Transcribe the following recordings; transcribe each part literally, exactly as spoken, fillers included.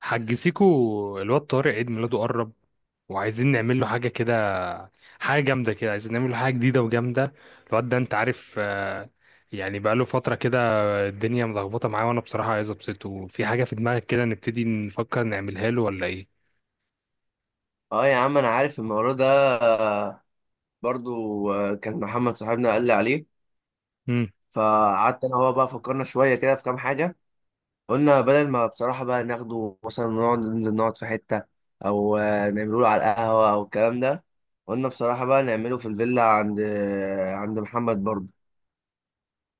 حاج سيكو الواد طارق عيد ميلاده قرب وعايزين نعمل له حاجة كده، حاجة جامدة كده. عايزين نعمل له حاجة جديدة وجامدة. الواد ده انت عارف، آه، يعني بقاله فترة كده، الدنيا ملخبطة معاه. وانا بصراحة عايز ابسطه في حاجة. في دماغك كده نبتدي نفكر نعملها له ولا ايه؟ اه يا عم انا عارف الموضوع ده، آه، برضو آه، كان محمد صاحبنا قال لي عليه. مم. فقعدت انا هو بقى فكرنا شويه كده في كام حاجه. قلنا بدل ما بصراحه بقى ناخده مثلا نقعد ننزل نقعد في حته او آه، نعمله له على القهوه او الكلام ده. قلنا بصراحه بقى نعمله في الفيلا عند آه، عند محمد برضو.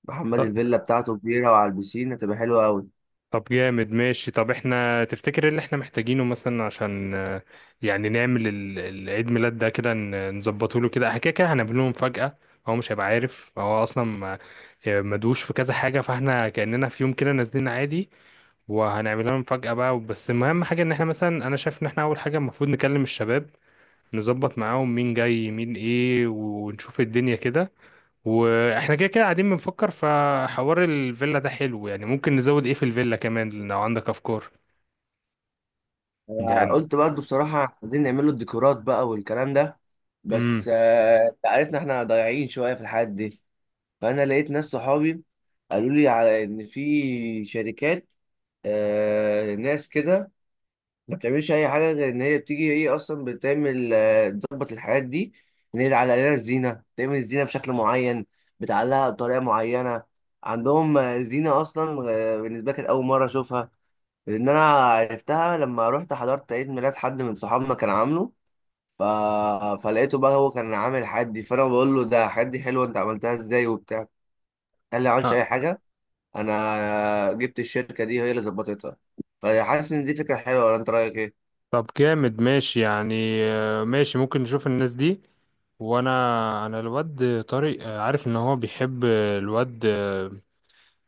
محمد الفيلا بتاعته كبيره وعلى البسين هتبقى حلوه قوي. طب جامد ماشي. طب احنا تفتكر ايه اللي احنا محتاجينه مثلا عشان آه، يعني نعمل ال- ال- العيد ميلاد ده كده، ن- نظبطه له كده. احنا كده كده هنعمل له مفاجأة. هو مش هيبقى عارف، هو اصلا ما- آه، مدوش في كذا حاجة. فاحنا كأننا في يوم كده نازلين عادي، وهنعمل لهم مفاجأة بقى. بس المهم حاجة ان احنا مثلا، انا شايف ان احنا اول حاجة المفروض نكلم الشباب، نظبط معاهم مين جاي مين ايه ونشوف الدنيا كده. واحنا كده كده قاعدين بنفكر، فحوار الفيلا ده حلو. يعني ممكن نزود ايه في الفيلا كمان لو عندك افكار يعني. قلت برضو بصراحه عايزين نعمله الديكورات بقى والكلام ده، امم. بس آه، انت عارفنا احنا ضايعين شويه في الحاجات دي. فانا لقيت ناس صحابي قالوا لي على ان في شركات، آه ناس كده، ما بتعملش اي حاجه غير ان هي بتيجي هي اصلا بتعمل آه، تظبط الحاجات دي، ان هي تعلق لنا الزينه تعمل الزينه بشكل معين، بتعلقها بطريقه معينه. عندهم آه، زينه اصلا. آه، بالنسبه لي كانت اول مره اشوفها، لان انا عرفتها لما رحت حضرت عيد ميلاد حد من صحابنا كان عامله. ف... فلقيته بقى هو كان عامل حدي، فانا بقول له ده حدي حلو انت عملتها ازاي وبتاع. قال لي ما عملتش ها. اي حاجه، انا جبت الشركه دي هي اللي ظبطتها. فحاسس ان دي فكره حلوه ولا انت رايك ايه؟ طب جامد ماشي يعني. آه، ماشي، ممكن نشوف الناس دي. وانا انا الواد طارق، آه، عارف ان هو بيحب الواد، آه،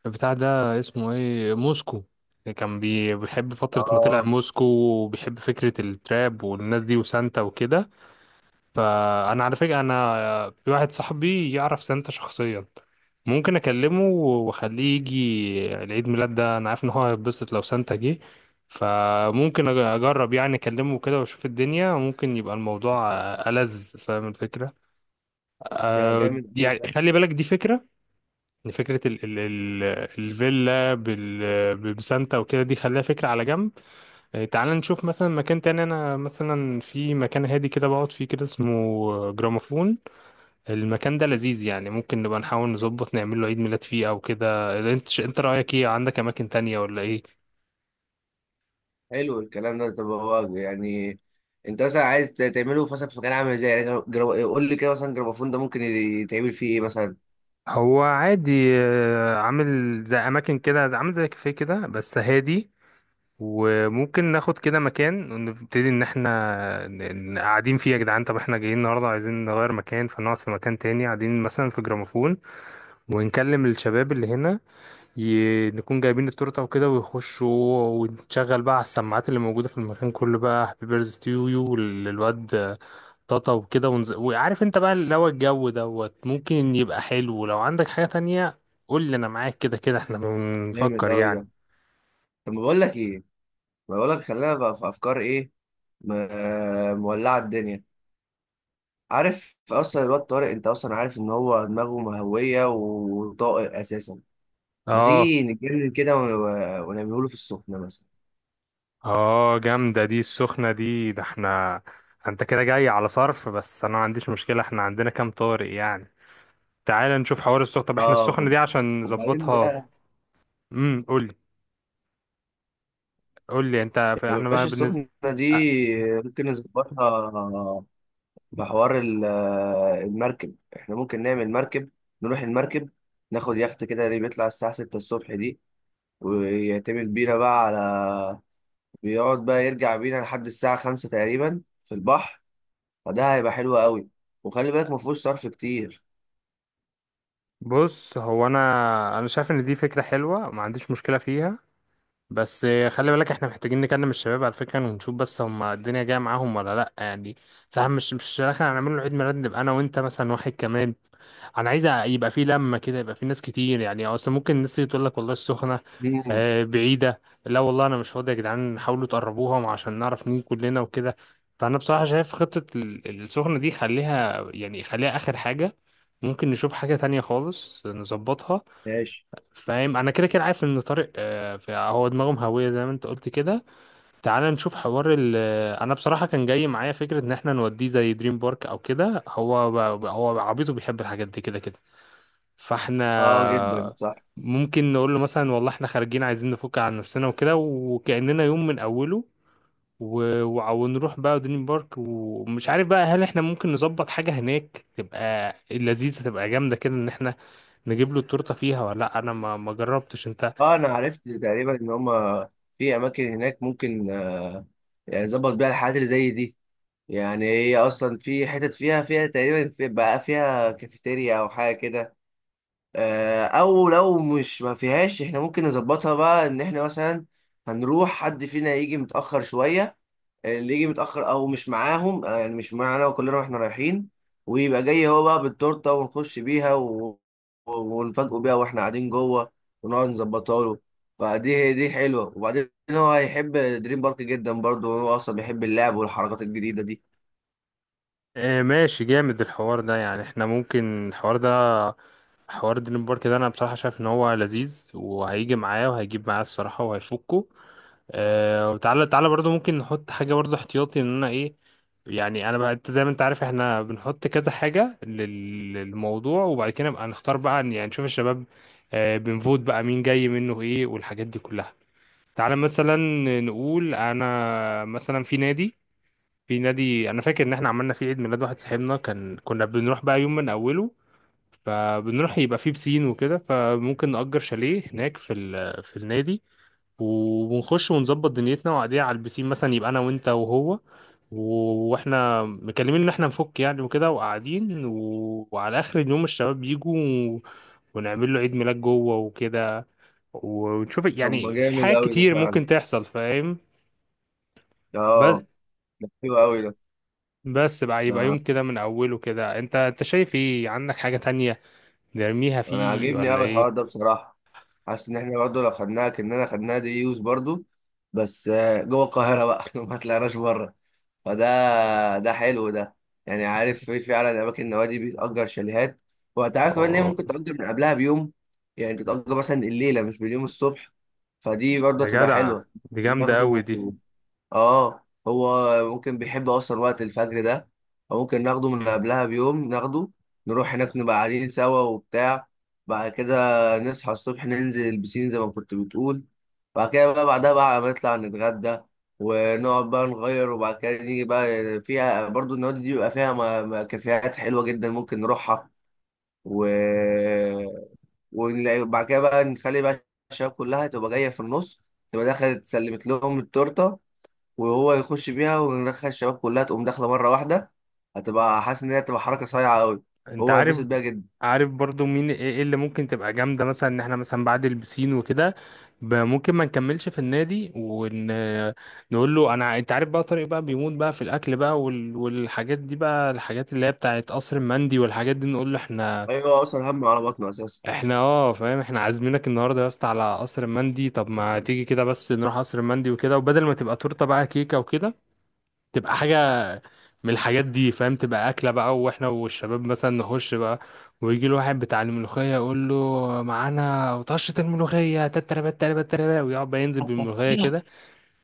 بتاع ده اسمه ايه، موسكو. كان بي- بيحب فترة ما طلع اه موسكو، وبيحب فكرة التراب والناس دي وسانتا وكده. فانا على فكره انا في واحد صاحبي يعرف سانتا شخصيا، ممكن اكلمه واخليه يجي العيد ميلاد ده. انا عارف ان هو هيتبسط لو سانتا جه. فممكن أج- اجرب يعني اكلمه كده واشوف الدنيا، ممكن يبقى الموضوع ألذ. فاهم الفكره؟ ده أه. جامد قوي يعني ده. خلي بالك، دي فكره. إن فكره ال ال ال الفيلا بال بسانتا وكده دي خليها فكره على جنب. آه، تعال نشوف مثلا مكان تاني. انا مثلا في مكان هادي كده بقعد فيه كده اسمه جراموفون. المكان ده لذيذ يعني، ممكن نبقى نحاول نظبط نعمل له عيد ميلاد فيه او كده. انت ش- انت رأيك ايه؟ عندك اماكن تانية ولا ايه؟ حلو الكلام ده. طب هو يعني انت مثلا عايز ت- تعمله في مثلا في مكان عامل ازاي، يعني جرا- جرا- قول لي كده مثلا جرافون ده ممكن يتعمل فيه ايه مثلا؟ هو عادي، آه، عامل زي اماكن كده، زي- عامل زي كافيه كده بس هادي. وممكن ناخد كده مكان ونبتدي ان احنا ن- ن- قاعدين فيه. يا جدعان، طب احنا جايين النهارده عايزين نغير مكان، فنقعد في مكان تاني قاعدين مثلا في جراموفون، ونكلم الشباب اللي هنا. ي... نكون جايبين التورته وكده ويخشوا، ونشغل بقى على السماعات اللي موجوده في المكان كله بقى هابي بيرث تو يو للواد طاطا وكده. ونز... وعارف انت بقى اللي هو الجو دوت، ممكن يبقى حلو. لو عندك حاجه تانية قول لي، انا معاك. كده كده احنا جامد بنفكر قوي يعني. ده. طب ما بقول لك ايه، ما بقول لك خلينا بقى في افكار ايه. م- مولعه الدنيا. عارف اصلا الواد طارق انت اصلا عارف ان هو دماغه مهويه وطاقه اساسا. ما اه. تيجي نتجنن كده ون- ونعمله له في السخنه مثلا. اه جامده دي السخنه دي. ده احنا انت كده جاي على صرف، بس انا ما عنديش مشكله. احنا عندنا كام طارق يعني؟ تعال نشوف حوار السخنه. طب احنا السخنه اه دي عشان وبعدين نظبطها. بقى. امم. قول لي. قول لي انت في يا احنا بقى باشا بالنسبه السخنة دي أ- ممكن نظبطها في حوار ال- المركب. احنا ممكن نعمل مركب، نروح المركب، ناخد يخت كده اللي بيطلع الساعة ستة الصبح دي، ويعتمد بينا بقى على، بيقعد بقى يرجع بينا لحد الساعة خمسة تقريبا في البحر. فده هيبقى حلو قوي، وخلي بالك مفهوش صرف كتير. بص، هو انا انا شايف ان دي فكره حلوه، ما عنديش مشكله فيها. بس خلي بالك احنا محتاجين نكلم الشباب على فكره، ونشوف بس هم الدنيا جايه معاهم ولا لا يعني. صح؟ مش مش في الاخر هنعمل له عيد ميلاد نبقى انا وانت مثلا، واحد كمان. انا عايز يبقى في لمه كده، يبقى في ناس كتير. يعني اصلا ممكن الناس اللي تقول لك والله السخنه مم. آه، بعيده، لا والله انا مش فاضي يا جدعان، حاولوا تقربوها عشان نعرف نيجي كلنا وكده. فانا بصراحه شايف خطه ال- السخنه دي خليها، يعني خليها اخر حاجه. ممكن نشوف حاجه تانية خالص نظبطها. ماشي. فاهم؟ انا كده كده عارف ان طارق، آه، ف- هو دماغه مهويه زي ما انت قلت كده. تعال نشوف حوار ال آه، انا بصراحه كان جاي معايا فكره ان احنا نوديه زي دريم بارك او كده. هو ب- هو عبيطه، بيحب الحاجات دي كده كده. اه جدا فاحنا صح. ممكن نقول له مثلا والله احنا خارجين عايزين نفك عن نفسنا وكده، وكأننا يوم من أوله و... وع- ونروح بقى دريم بارك. ومش عارف بقى هل احنا ممكن نظبط حاجة هناك تبقى لذيذة، تبقى جامدة كده، ان احنا نجيب له التورتة فيها ولا لا. انا ما ما جربتش انت. اه انا عرفت تقريبا ان هما في اماكن هناك ممكن، يعني ظبط بيها الحاجات اللي زي دي. يعني هي اصلا في حتت فيها فيها تقريبا في بقى فيها كافيتيريا او حاجه كده، آه، او لو مش ما فيهاش احنا ممكن نظبطها بقى ان احنا مثلا هنروح حد فينا يجي متاخر شويه. اللي يجي متأخر أو مش معاهم، آه، يعني مش معانا، وكلنا واحنا رايحين ويبقى جاي هو بقى بالتورتة ونخش بيها و... و- ونفاجئه بيها واحنا قاعدين جوه ونقعد نظبطها له. فدي دي حلوة. وبعدين هو هيحب دريم بارك جدا برضه، وهو أصلا بيحب اللعب والحركات الجديدة دي. اه ماشي، جامد الحوار ده. يعني احنا ممكن الحوار ده، حوار دريم بارك ده، انا بصراحة شايف ان هو لذيذ وهيجي معايا وهيجيب معايا الصراحة وهيفكه. آه. وتعالى تعالى برضو ممكن نحط حاجة برضو احتياطي، ان انا ايه يعني. انا بقى انت زي ما انت عارف احنا بنحط كذا حاجة لل- للموضوع، وبعد كده نبقى نختار بقى عن- يعني نشوف الشباب، آه، بنفوت بقى مين جاي منه ايه والحاجات دي كلها. تعالى مثلا نقول انا مثلا في نادي في نادي انا فاكر ان احنا عملنا فيه عيد ميلاد واحد صاحبنا، كان كنا بنروح بقى يوم من اوله. فبنروح يبقى فيه بسين وكده، فممكن نأجر شاليه هناك في ال... في النادي. وبنخش ونظبط دنيتنا وقاعدين على البسين مثلا، يبقى انا وانت وهو و- واحنا مكلمين ان احنا نفك يعني وكده، وقاعدين و... وعلى اخر اليوم الشباب بيجوا و... ونعمل له عيد ميلاد جوه وكده. ونشوف طب ما يعني في جامد حاجات أوي ده كتير فعلا. ممكن تحصل فاهم. بس اه ده حلو أوي ده. بس بقى يبقى ده يوم كده من اوله كده. انت انت شايف ايه؟ عندك حاجة تانية نرميها أنا فيه عاجبني ولا أوي الحوار ايه؟ ده بصراحة. حاسس ان احنا برضه لو خدناها كاننا خدناها دي يوز برضه، بس آه، جوه القاهره بقى ما طلعناش بره. فده ده حلو ده. يعني عارف في فعلا اماكن النوادي بتأجر شاليهات، وهتعرف كمان ان هي آه. ممكن تأجر من قبلها بيوم، يعني تتأجر مثلا الليله مش باليوم الصبح. فدي برضه يا تبقى جدع حلوه. دي جامدة أوي ناخده. دي. اه هو ممكن بيحب اصلا وقت الفجر ده، فممكن ناخده من قبلها بيوم ناخده، نروح هناك نبقى قاعدين سوا وبتاع. بعد كده نصحى الصبح ننزل البسين زي ما كنت بتقول، بعد كده بقى بعدها بقى نطلع نتغدى ونقعد بقى نغير، وبعد كده نيجي بقى فيها برضو. النوادي دي بيبقى فيها م- م- كافيهات حلوة جدا ممكن نروحها. و... وبعد كده بقى نخلي بقى الشباب كلها تبقى جاية في النص، تبقى دخلت سلمت لهم التورتة وهو يخش بيها وندخل الشباب كلها تقوم داخله مره واحده. هتبقى حاسس ان هي هتبقى حركه صايعه قوي، أنت هو هيتبسط عارف؟ بيها جدا. عارف برضو مين إيه إيه اللي ممكن تبقى جامدة، مثلا إن إحنا مثلا بعد البسين وكده ب- ممكن ما نكملش في النادي، ونقول له أنا، أنت عارف بقى طارق بقى بيموت بقى في الأكل بقى وال... والحاجات دي بقى، الحاجات اللي هي بتاعت قصر المندي والحاجات دي. نقول له إحنا ايوه اصلا هم على بطنه اساسا. إحنا أه فاهم، إحنا عازمينك النهاردة يا اسطى على قصر المندي. طب ما تيجي كده بس نروح قصر المندي وكده، وبدل ما تبقى تورتة بقى كيكة وكده، تبقى حاجة من الحاجات دي فاهم، تبقى أكلة بقى. وإحنا والشباب مثلا نخش بقى، ويجي له واحد بتاع الملوخية يقول له معانا طشة الملوخية، تتربة تتربة تتربة، ويقعد بقى ينزل بالملوخية كده.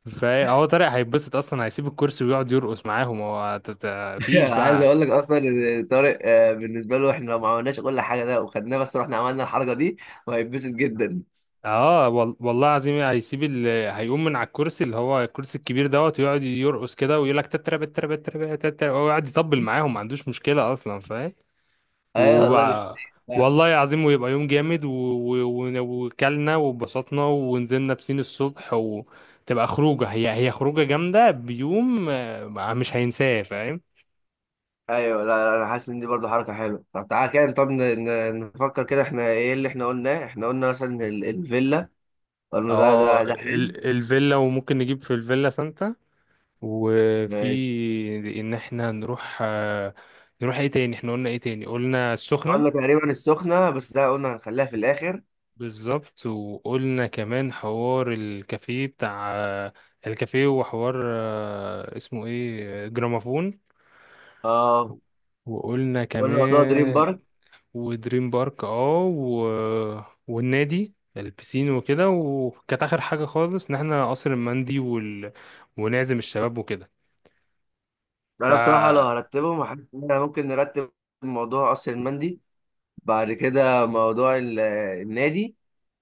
فهو طارق هيتبسط أصلا، هيسيب الكرسي ويقعد يرقص معاهم. هو ت- ت- مفيش عايز بقى. اقول لك اصلا ان طارق آه، بالنسبه له احنا لو ما عملناش كل حاجه ده وخدناه بس رحنا عملنا الحركه دي، وهيتبسط جدا. اه وال- والله العظيم هيسيب ال... هيقوم من على الكرسي اللي هو الكرسي الكبير دوت، ويقعد يرقص كده ويقول لك تتربة تتربة تتربة تتربة، ويقعد يطبل معاهم. ما عندوش مشكلة أصلا فاهم. ايوه والله مش وبقى والله العظيم، ويبقى يوم جامد و... و... و- وكلنا واتبسطنا ونزلنا بسين الصبح، وتبقى خروجة، هي هي خروجة جامدة بيوم آه، مش هينساه فاهم. ايوه. لا, لا انا حاسس ان دي برضه حركه حلوه. طب تعالى كده. طب ن- ن- نفكر كده احنا ايه اللي احنا قلناه. احنا قلنا مثلا ال- الفيلا، قلنا ده اه ده ده حلو. ال... الفيلا، وممكن نجيب في الفيلا سانتا. ماشي. وفي ان احنا نروح، آه، نروح ايه تاني، احنا قلنا ايه تاني؟ قلنا السخنة. قلنا تقريبا السخنة بس ده قلنا هنخليها في الآخر. بالظبط. وقلنا كمان حوار الكافيه بتاع، آه، الكافيه، وحوار آه، اسمه ايه، آه، جرامافون. اه وقلنا وقلنا موضوع دريم كمان، بارك. ودريم بارك. اه و... والنادي البسين وكده. وكانت اخر حاجه خالص ان احنا قصر المندي وال... ونعزم الشباب وكده. ده، ف أنا بصراحة لو هرتبهم حاسس إن إحنا ممكن نرتب موضوع قصر المندي، بعد كده موضوع ال- النادي،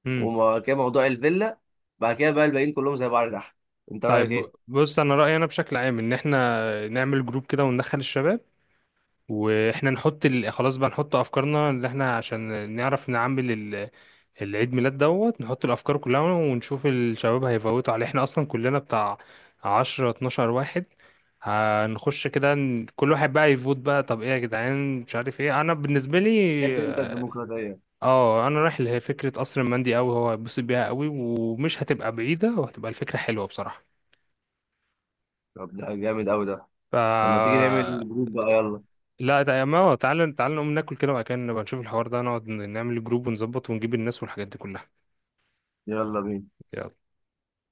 امم وبعد كده موضوع الفيلا، بعد كده بقى الباقيين كلهم زي بعض تحت. أنت رأيك طيب، إيه؟ بص انا رايي، انا بشكل عام ان احنا نعمل جروب كده وندخل الشباب، واحنا نحط ال... خلاص بقى نحط افكارنا اللي احنا، عشان نعرف نعمل ال... العيد ميلاد دوت. نحط الافكار كلها، ونشوف الشباب هيفوتوا عليه. احنا اصلا كلنا بتاع عشرة اتناشر واحد، هنخش كده ن- كل واحد بقى يفوت بقى. طب ايه يا جدعان؟ مش عارف ايه، انا بالنسبة لي تحب أنت اه، الديمقراطية. آه، انا رايح لفكرة قصر المندي قوي. هو هيتبسط بيها قوي ومش هتبقى بعيدة، وهتبقى الفكرة حلوة بصراحة. طب ده جامد أوي ده. ف طب ما تيجي نعمل جروب بقى، يلا. لا تع- ما هو تعالى تعالى نقوم ناكل كده، وبعد كده نبقى نشوف الحوار ده، نقعد نعمل جروب ونظبط ونجيب الناس والحاجات دي كلها. يلا بينا. يلا.